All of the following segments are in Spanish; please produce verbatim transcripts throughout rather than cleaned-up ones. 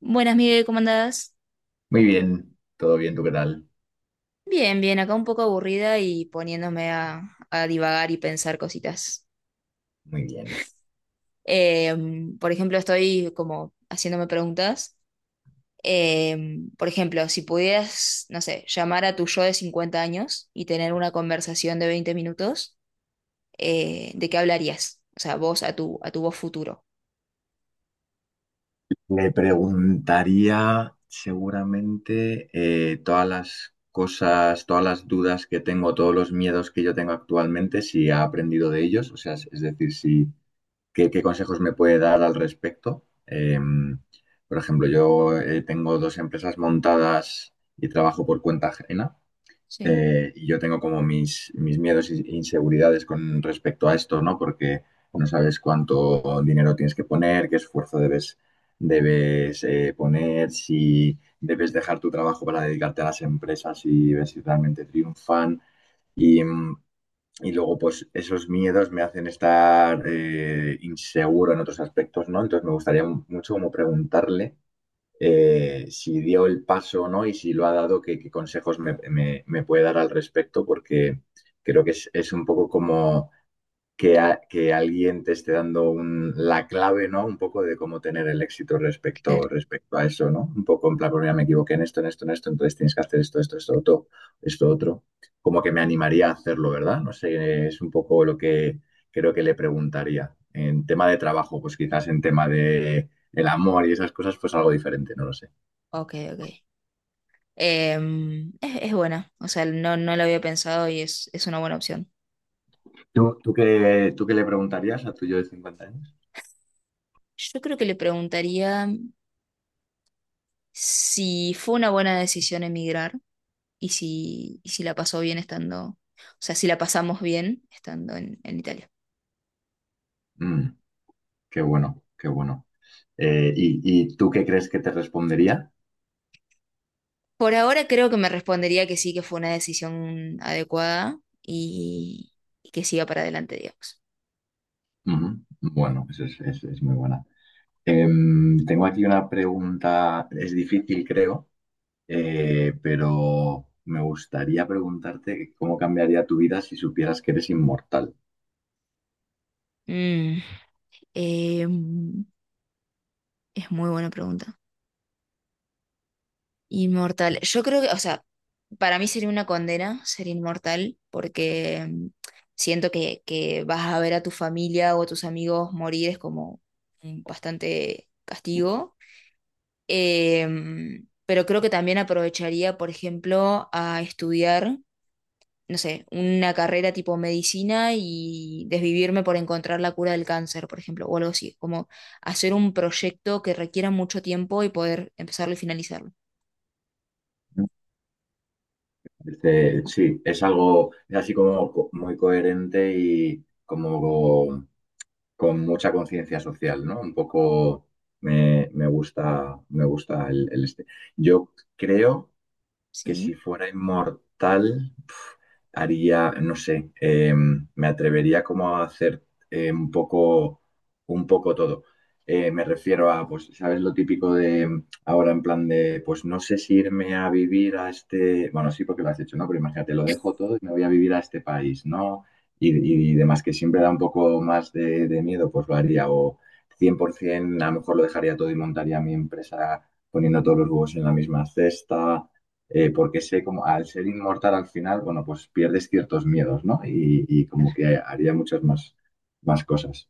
Buenas, Miguel, ¿cómo andás? Muy bien, todo bien, ¿tú qué tal? Bien, bien, acá un poco aburrida y poniéndome a, a divagar y pensar cositas. Muy bien. Em, por ejemplo, estoy como haciéndome preguntas. Em, por ejemplo, si pudieras, no sé, llamar a tu yo de cincuenta años y tener una conversación de veinte minutos, eh, ¿de qué hablarías? O sea, vos a tu, a tu vos futuro. Le preguntaría seguramente eh, todas las cosas, todas las dudas que tengo, todos los miedos que yo tengo actualmente, si ha aprendido de ellos, o sea, es es decir, si, qué, qué consejos me puede dar al respecto. Em, por ejemplo, yo eh, tengo dos empresas montadas y trabajo por cuenta ajena. Sí. Eh, y yo tengo como mis, mis miedos e inseguridades con respecto a esto, ¿no? Porque no sabes cuánto dinero tienes que poner, qué esfuerzo debes, debes eh, poner, si debes dejar tu trabajo para dedicarte a las empresas y ver si realmente triunfan. Y, mm, y luego, pues esos miedos me hacen estar eh, inseguro en otros aspectos, ¿no? Entonces me gustaría mu- mucho como preguntarle eh, si dio el paso o no y si lo ha dado, qué, qué consejos me, me- me puede dar al respecto, porque creo que es, es un poco como que, a- que alguien te esté dando un- la clave, ¿no? Un poco de cómo tener el éxito respecto, Claro. respecto a eso, ¿no? Un poco en plan, pues mira, me equivoqué en esto, en esto, en esto, entonces tienes que hacer esto, esto, esto, otro, esto, otro. Como que me animaría a hacerlo, ¿verdad? No sé, es un poco lo que creo que le preguntaría. En tema de trabajo, pues quizás en tema de el amor y esas cosas, pues algo diferente, no lo sé. Ok, ok. Em, es, es buena, o sea, no, no la había pensado y es, es una buena opción. ¿Tú, tú qué, tú qué le preguntarías a tu yo de cincuenta años? Yo creo que le preguntaría si fue una buena decisión emigrar y si, y si la pasó bien estando, o sea, si la pasamos bien estando en, en Italia. Mm, qué bueno, qué bueno. Eh, ¿y, ¿y tú qué crees que te respondería? Por ahora creo que me respondería que sí, que fue una decisión adecuada y, y que siga para adelante, digamos. Ujú. Bueno, eso es, es- es muy buena. Em, tengo aquí una pregunta, es difícil creo, eh, pero me gustaría preguntarte cómo cambiaría tu vida si supieras que eres inmortal. Mm, em, es muy buena pregunta. Inmortal. Yo creo que, o sea, para mí sería una condena ser inmortal porque mm, siento que, que vas a ver a tu familia o a tus amigos morir es como un bastante castigo. Em, pero creo que también aprovecharía, por ejemplo, a estudiar, no sé, una carrera tipo medicina y desvivirme por encontrar la cura del cáncer, por ejemplo, o algo así, como hacer un proyecto que requiera mucho tiempo y poder empezarlo y finalizarlo. Este, sí, es algo, es así como co- muy coherente y como con mucha conciencia social, ¿no? Un poco me, me gusta, me gusta el, el este. Yo creo que Sí. si fuera inmortal, pf, haría, no sé, eh, me atrevería como a hacer eh, un poco, un poco todo. Eh, me refiero a, pues, ¿sabes lo típico de em, ahora en plan de, pues no sé si irme a vivir a este, bueno, sí, porque lo has hecho, ¿no? Pero imagínate, lo dejo todo y me voy a vivir a este país, ¿no? Y, y demás, que siempre da un poco más de, de miedo, pues lo haría. O cien por ciento, a lo mejor lo dejaría todo y montaría mi empresa poniendo todos los huevos en la misma cesta eh, porque sé como al ser inmortal al final, bueno, pues pierdes ciertos miedos, ¿no? Y, y como que haría muchas más, más cosas.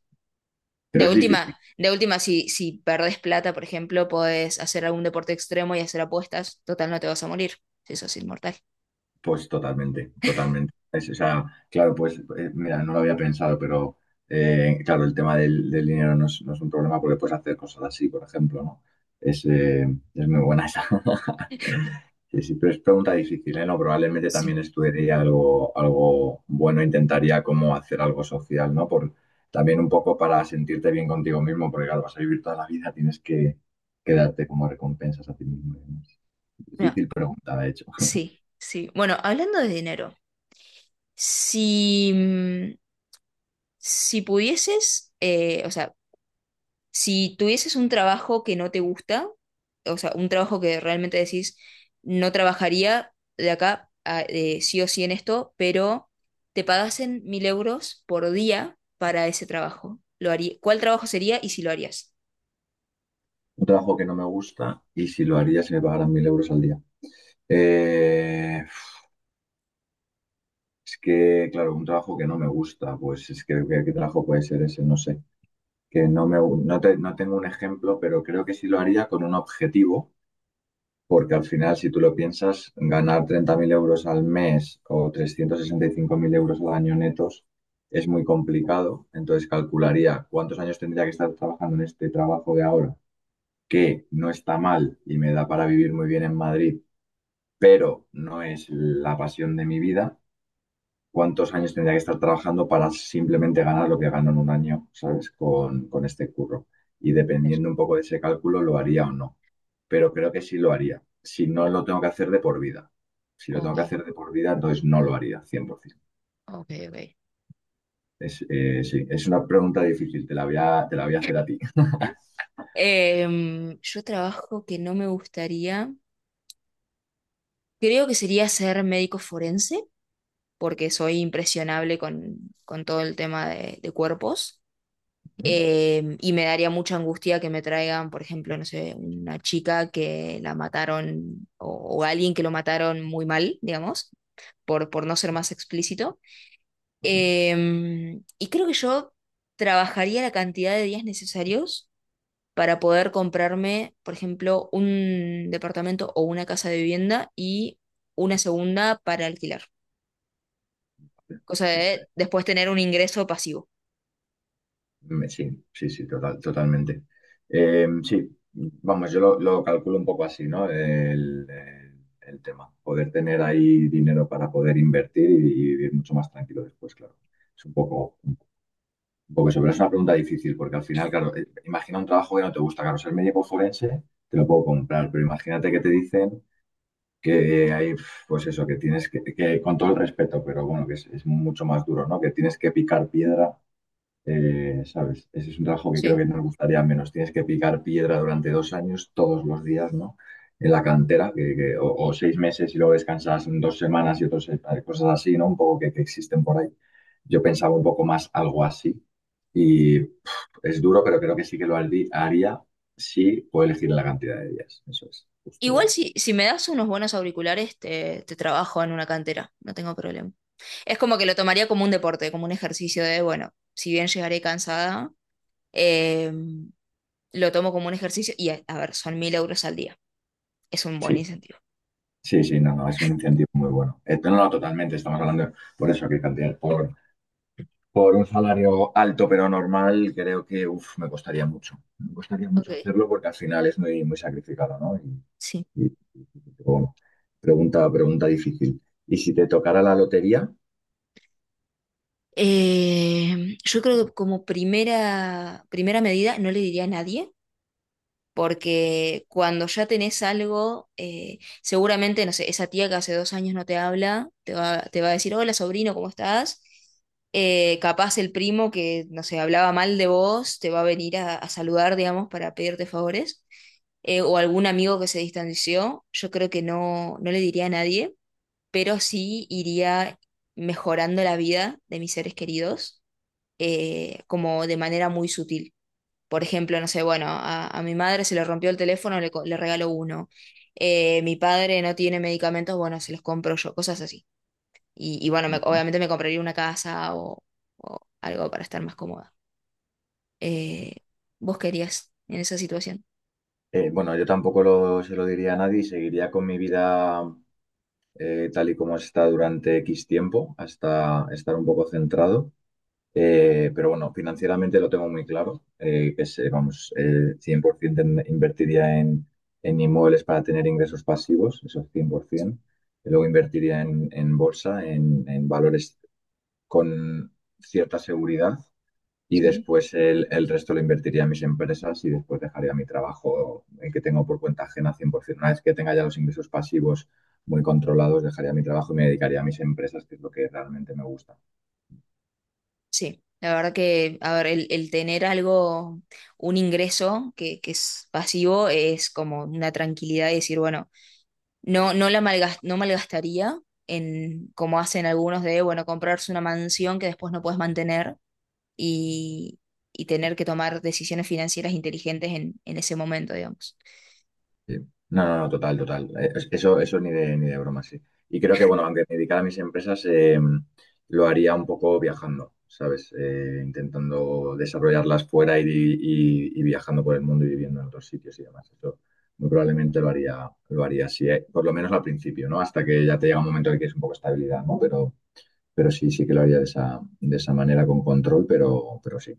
Pero De es difícil. última, de última, si, si perdés plata, por ejemplo, podés hacer algún deporte extremo y hacer apuestas. Total, no te vas a morir. Si sos inmortal. Pues totalmente, totalmente. Es, o sea, claro, pues eh, mira, no lo había pensado, pero eh, claro, el tema del, del dinero no es, no es un problema porque puedes hacer cosas así, por ejemplo, ¿no? Es, eh, es muy buena esa. Sí, sí, pero es pregunta difícil, ¿eh? No, probablemente Sí. también estudiaría algo, algo bueno, intentaría como hacer algo social, ¿no? Por, también un poco para sentirte bien contigo mismo, porque claro, vas a vivir toda la vida, tienes que, que darte como recompensas a ti mismo y demás. Mira, Difícil pregunta, de hecho. sí, sí. Bueno, hablando de dinero, si, mm, si pudieses, eh, o sea, si tuvieses un trabajo que no te gusta, o sea, un trabajo que realmente decís, no trabajaría de acá a- eh, sí o sí en esto, pero te pagasen mil euros por día para ese trabajo. Lo haría, ¿cuál trabajo sería y si lo harías? Un trabajo que no me gusta y si lo haría si me pagaran mil euros al día. Eh, es que, claro, un trabajo que no me gusta, pues es que ¿qué, qué trabajo puede ser ese? No sé. Que no me, gu- no te- no tengo un ejemplo, pero creo que sí lo haría con un objetivo, porque al final, si tú lo piensas, ganar treinta mil euros al mes o trescientos sesenta y cinco mil euros al año netos es muy complicado. Entonces calcularía cuántos años tendría que estar trabajando en este trabajo de ahora, que no está mal y me da para vivir muy bien en Madrid pero no es la pasión de mi vida. ¿Cuántos años tendría que estar trabajando para simplemente ganar lo que gano en un año, ¿sabes? Con, con este curro. Y Ver. dependiendo un poco de ese cálculo, lo haría o no. Pero creo que sí lo haría si no lo tengo que hacer de por vida. Si lo Ok, tengo que hacer de por vida, entonces no lo haría, cien por ciento. ok, ok. Es, eh, sí, es una pregunta difícil, te la voy a, te la voy a hacer a ti. Em, yo trabajo que no me gustaría. Creo que sería ser médico forense, porque soy impresionable con, con todo el tema de, de cuerpos. Eh, y me daría mucha angustia que me traigan, por ejemplo, no sé, una chica que la mataron o, o alguien que lo mataron muy mal, digamos, por, por no ser más explícito. Vale, vale. Eh, y creo que yo trabajaría la cantidad de días necesarios para poder comprarme, por ejemplo, un departamento o una casa de vivienda y una segunda para alquilar. Cosa Es, de después tener un ingreso pasivo. mm, sí, sí, sí, total, totalmente. Eh, sí, vamos, yo lo, lo calculo un poco así, ¿no? El, el- el tema. Poder tener ahí dinero para poder invertir y, y vivir mucho más tranquilo después, claro. Es un poco, un poco eso, pero es una pregunta difícil, porque al final, claro, eh, imagina un trabajo que no te gusta, claro, ser médico forense, te lo puedo comprar, pero imagínate que te dicen que eh, hay, pues eso, que tienes que, que con todo el respeto, pero bueno, que es, es mucho más duro, ¿no? Que tienes que picar piedra eh, ¿sabes? Ese es un trabajo que creo Sí. que nos gustaría menos. Tienes que picar piedra durante dos años, todos los días, ¿no? En la cantera, que, que- o, o seis meses y luego descansas dos semanas y otras cosas así, ¿no? Un poco que, que existen por ahí. Yo pensaba un poco más algo así. Y es duro, pero creo que sí que lo harí- haría si puedo elegir la cantidad de días. Eso es, Igual justo. si, si me das unos buenos auriculares, te, te trabajo en una cantera, no tengo problema. Es como que lo tomaría como un deporte, como un ejercicio de, bueno, si bien llegaré cansada, eh, lo tomo como un ejercicio y, a, a ver, son mil euros al día. Es un buen Sí, incentivo. sí, sí, no, no, es un incentivo muy bueno. Eh, no, no, totalmente, estamos hablando por eso, que cantidad, por Por un salario alto pero normal, creo que uf, me costaría mucho. Me costaría Ok, mucho hacerlo porque al final es muy, muy sacrificado, ¿no? Y, sí. y, pero bueno, pregunta, pregunta difícil. Y si te tocara la lotería, Eh, yo creo que como primera, primera medida no le diría a nadie porque cuando ya tenés algo, eh, seguramente, no sé, esa tía que hace dos años no te habla, te va, te va a decir, hola sobrino, ¿cómo estás? Eh, capaz el primo que, no sé, hablaba mal de vos, te va a venir a, a saludar, digamos, para pedirte favores. Eh, o algún amigo que se distanció, yo creo que no, no le diría a nadie, pero sí iría mejorando la vida de mis seres queridos, eh, como de manera muy sutil. Por ejemplo, no sé, bueno, a, a mi madre se le rompió el teléfono, le, co- le regalo uno. Eh, mi padre no tiene medicamentos, bueno, se los compro yo, cosas así. Y, y bueno, me- ujú. obviamente me compraría una casa o, o algo para estar más cómoda. Eh, ¿vos querías en esa situación? Eh, bueno, yo tampoco lo, se lo diría a nadie y seguiría con mi vida eh, tal y como está durante X tiempo, hasta estar un poco centrado. Eh, pero bueno, financieramente lo tengo muy claro, eh, que es, eh, vamos, eh, cien por ciento en- invertiría en, en inmuebles para tener ingresos pasivos, eso es cien por ciento. Y luego invertiría en, en bolsa, en, en valores con cierta seguridad y Sí. después el, el resto lo invertiría en mis empresas y después dejaría mi trabajo, el que tengo por cuenta ajena, cien por ciento. Una vez que tenga ya los ingresos pasivos muy controlados, dejaría mi trabajo y me dedicaría a mis empresas, que es lo que realmente me gusta. Sí, la verdad que, a ver, el, el tener algo, un ingreso que, que es pasivo es como una tranquilidad y decir, bueno, no, no la malgas- no malgastaría en, como hacen algunos de, bueno, comprarse una mansión que después no puedes mantener y, y tener que tomar decisiones financieras inteligentes en, en ese momento, digamos. Sí. No, no, no, total, total. Eh, es- eso, eso ni de, ni de broma, sí. Y creo que, bueno, aunque me dedicara a mis empresas, eh, lo haría un poco viajando, ¿sabes? Eh, intentando desarrollarlas fuera y, y- y viajando por el mundo y viviendo en otros sitios y demás. Eso muy probablemente lo haría, lo haría así, eh, por lo menos al principio, ¿no? Hasta que ya te llega un momento en el que es un poco estabilidad, ¿no? Pero, pero sí, sí que lo haría de esa, de esa manera, con control, pero, pero sí.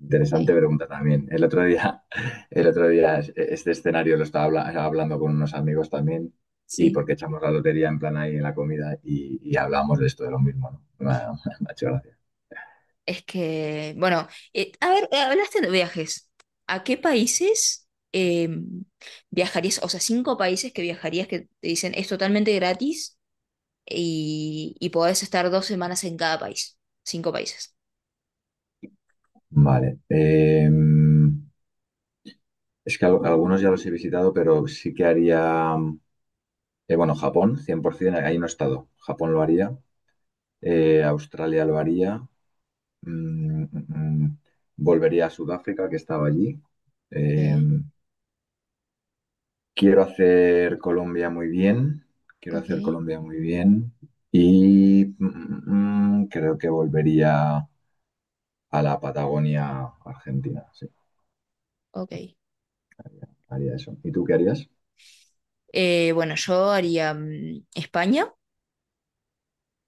Interesante Sí, pregunta también. El otro día, el otro día es- este escenario lo estaba habla- hablando con unos amigos también y sí. porque echamos la lotería en plan ahí en la comida y, y hablamos de esto, de lo mismo, ¿no? Me ha, me ha hecho gracia. Es que, bueno, eh, a ver, eh, hablaste de viajes. ¿A qué países eh, viajarías? O sea, cinco países que viajarías que te dicen es totalmente gratis y, y podés estar dos semanas en cada país. Cinco países. Vale. Eh, es que al- algunos ya los he visitado, pero sí que haría, eh, bueno, Japón, cien por ciento, ahí no he estado. Japón lo haría, eh, Australia lo haría, mm, mm, mm, volvería a Sudáfrica, que estaba allí. Ok, em, Quiero hacer Colombia muy bien, quiero hacer ok, Colombia muy bien y mm, mm, mm, creo que volvería a la Patagonia Argentina, sí, ok. haría eso. ¿Y tú qué harías? Eh, bueno, yo haría mm, España.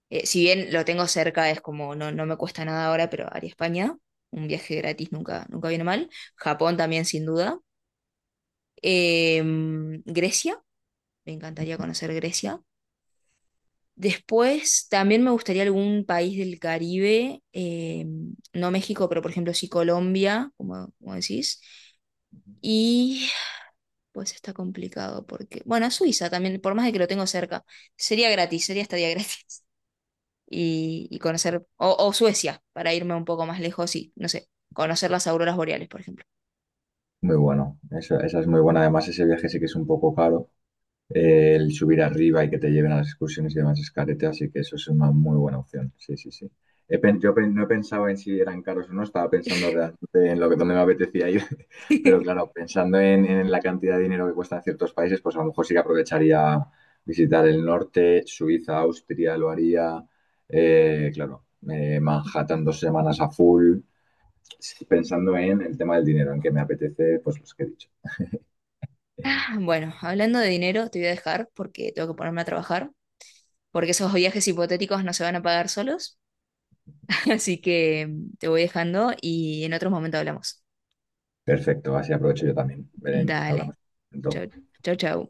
Eh, si bien lo tengo cerca, es como no, no me cuesta nada ahora, pero haría España. Un viaje gratis nunca, nunca viene mal. Japón también, sin duda. Eh, mm, Grecia, me encantaría conocer Grecia. Después también me gustaría algún país del Caribe, eh, no México, pero por ejemplo sí Colombia, como, como decís. Y pues está complicado porque, bueno, Suiza también, por más de que lo tengo cerca, sería gratis, sería estadía gratis. Y, y conocer, o, o Suecia, para irme un poco más lejos y, no sé, conocer las auroras boreales, por ejemplo. Muy bueno, esa, esa es muy buena, además ese viaje sí que es un poco caro, eh, el subir arriba y que te lleven a las excursiones y demás es carete, así que eso es una muy buena opción. Sí, sí, sí. He pen- yo pen- no he pensado en si eran caros o no, estaba pensando realmente en lo que donde me apetecía ir, pero claro, pensando en, en la cantidad de dinero que cuestan ciertos países, pues a lo mejor sí que aprovecharía visitar el norte, Suiza, Austria, lo haría, eh, claro, eh, Manhattan dos semanas a full, sí, pensando en el tema del dinero, en que me apetece, pues los que he dicho. Bueno, hablando de dinero, te voy a dejar porque tengo que ponerme a trabajar, porque esos viajes hipotéticos no se van a pagar solos, así que te voy dejando y en otros momentos hablamos. Perfecto, así aprovecho yo también. Belén, Dale, hablamos. chau, chau, chau.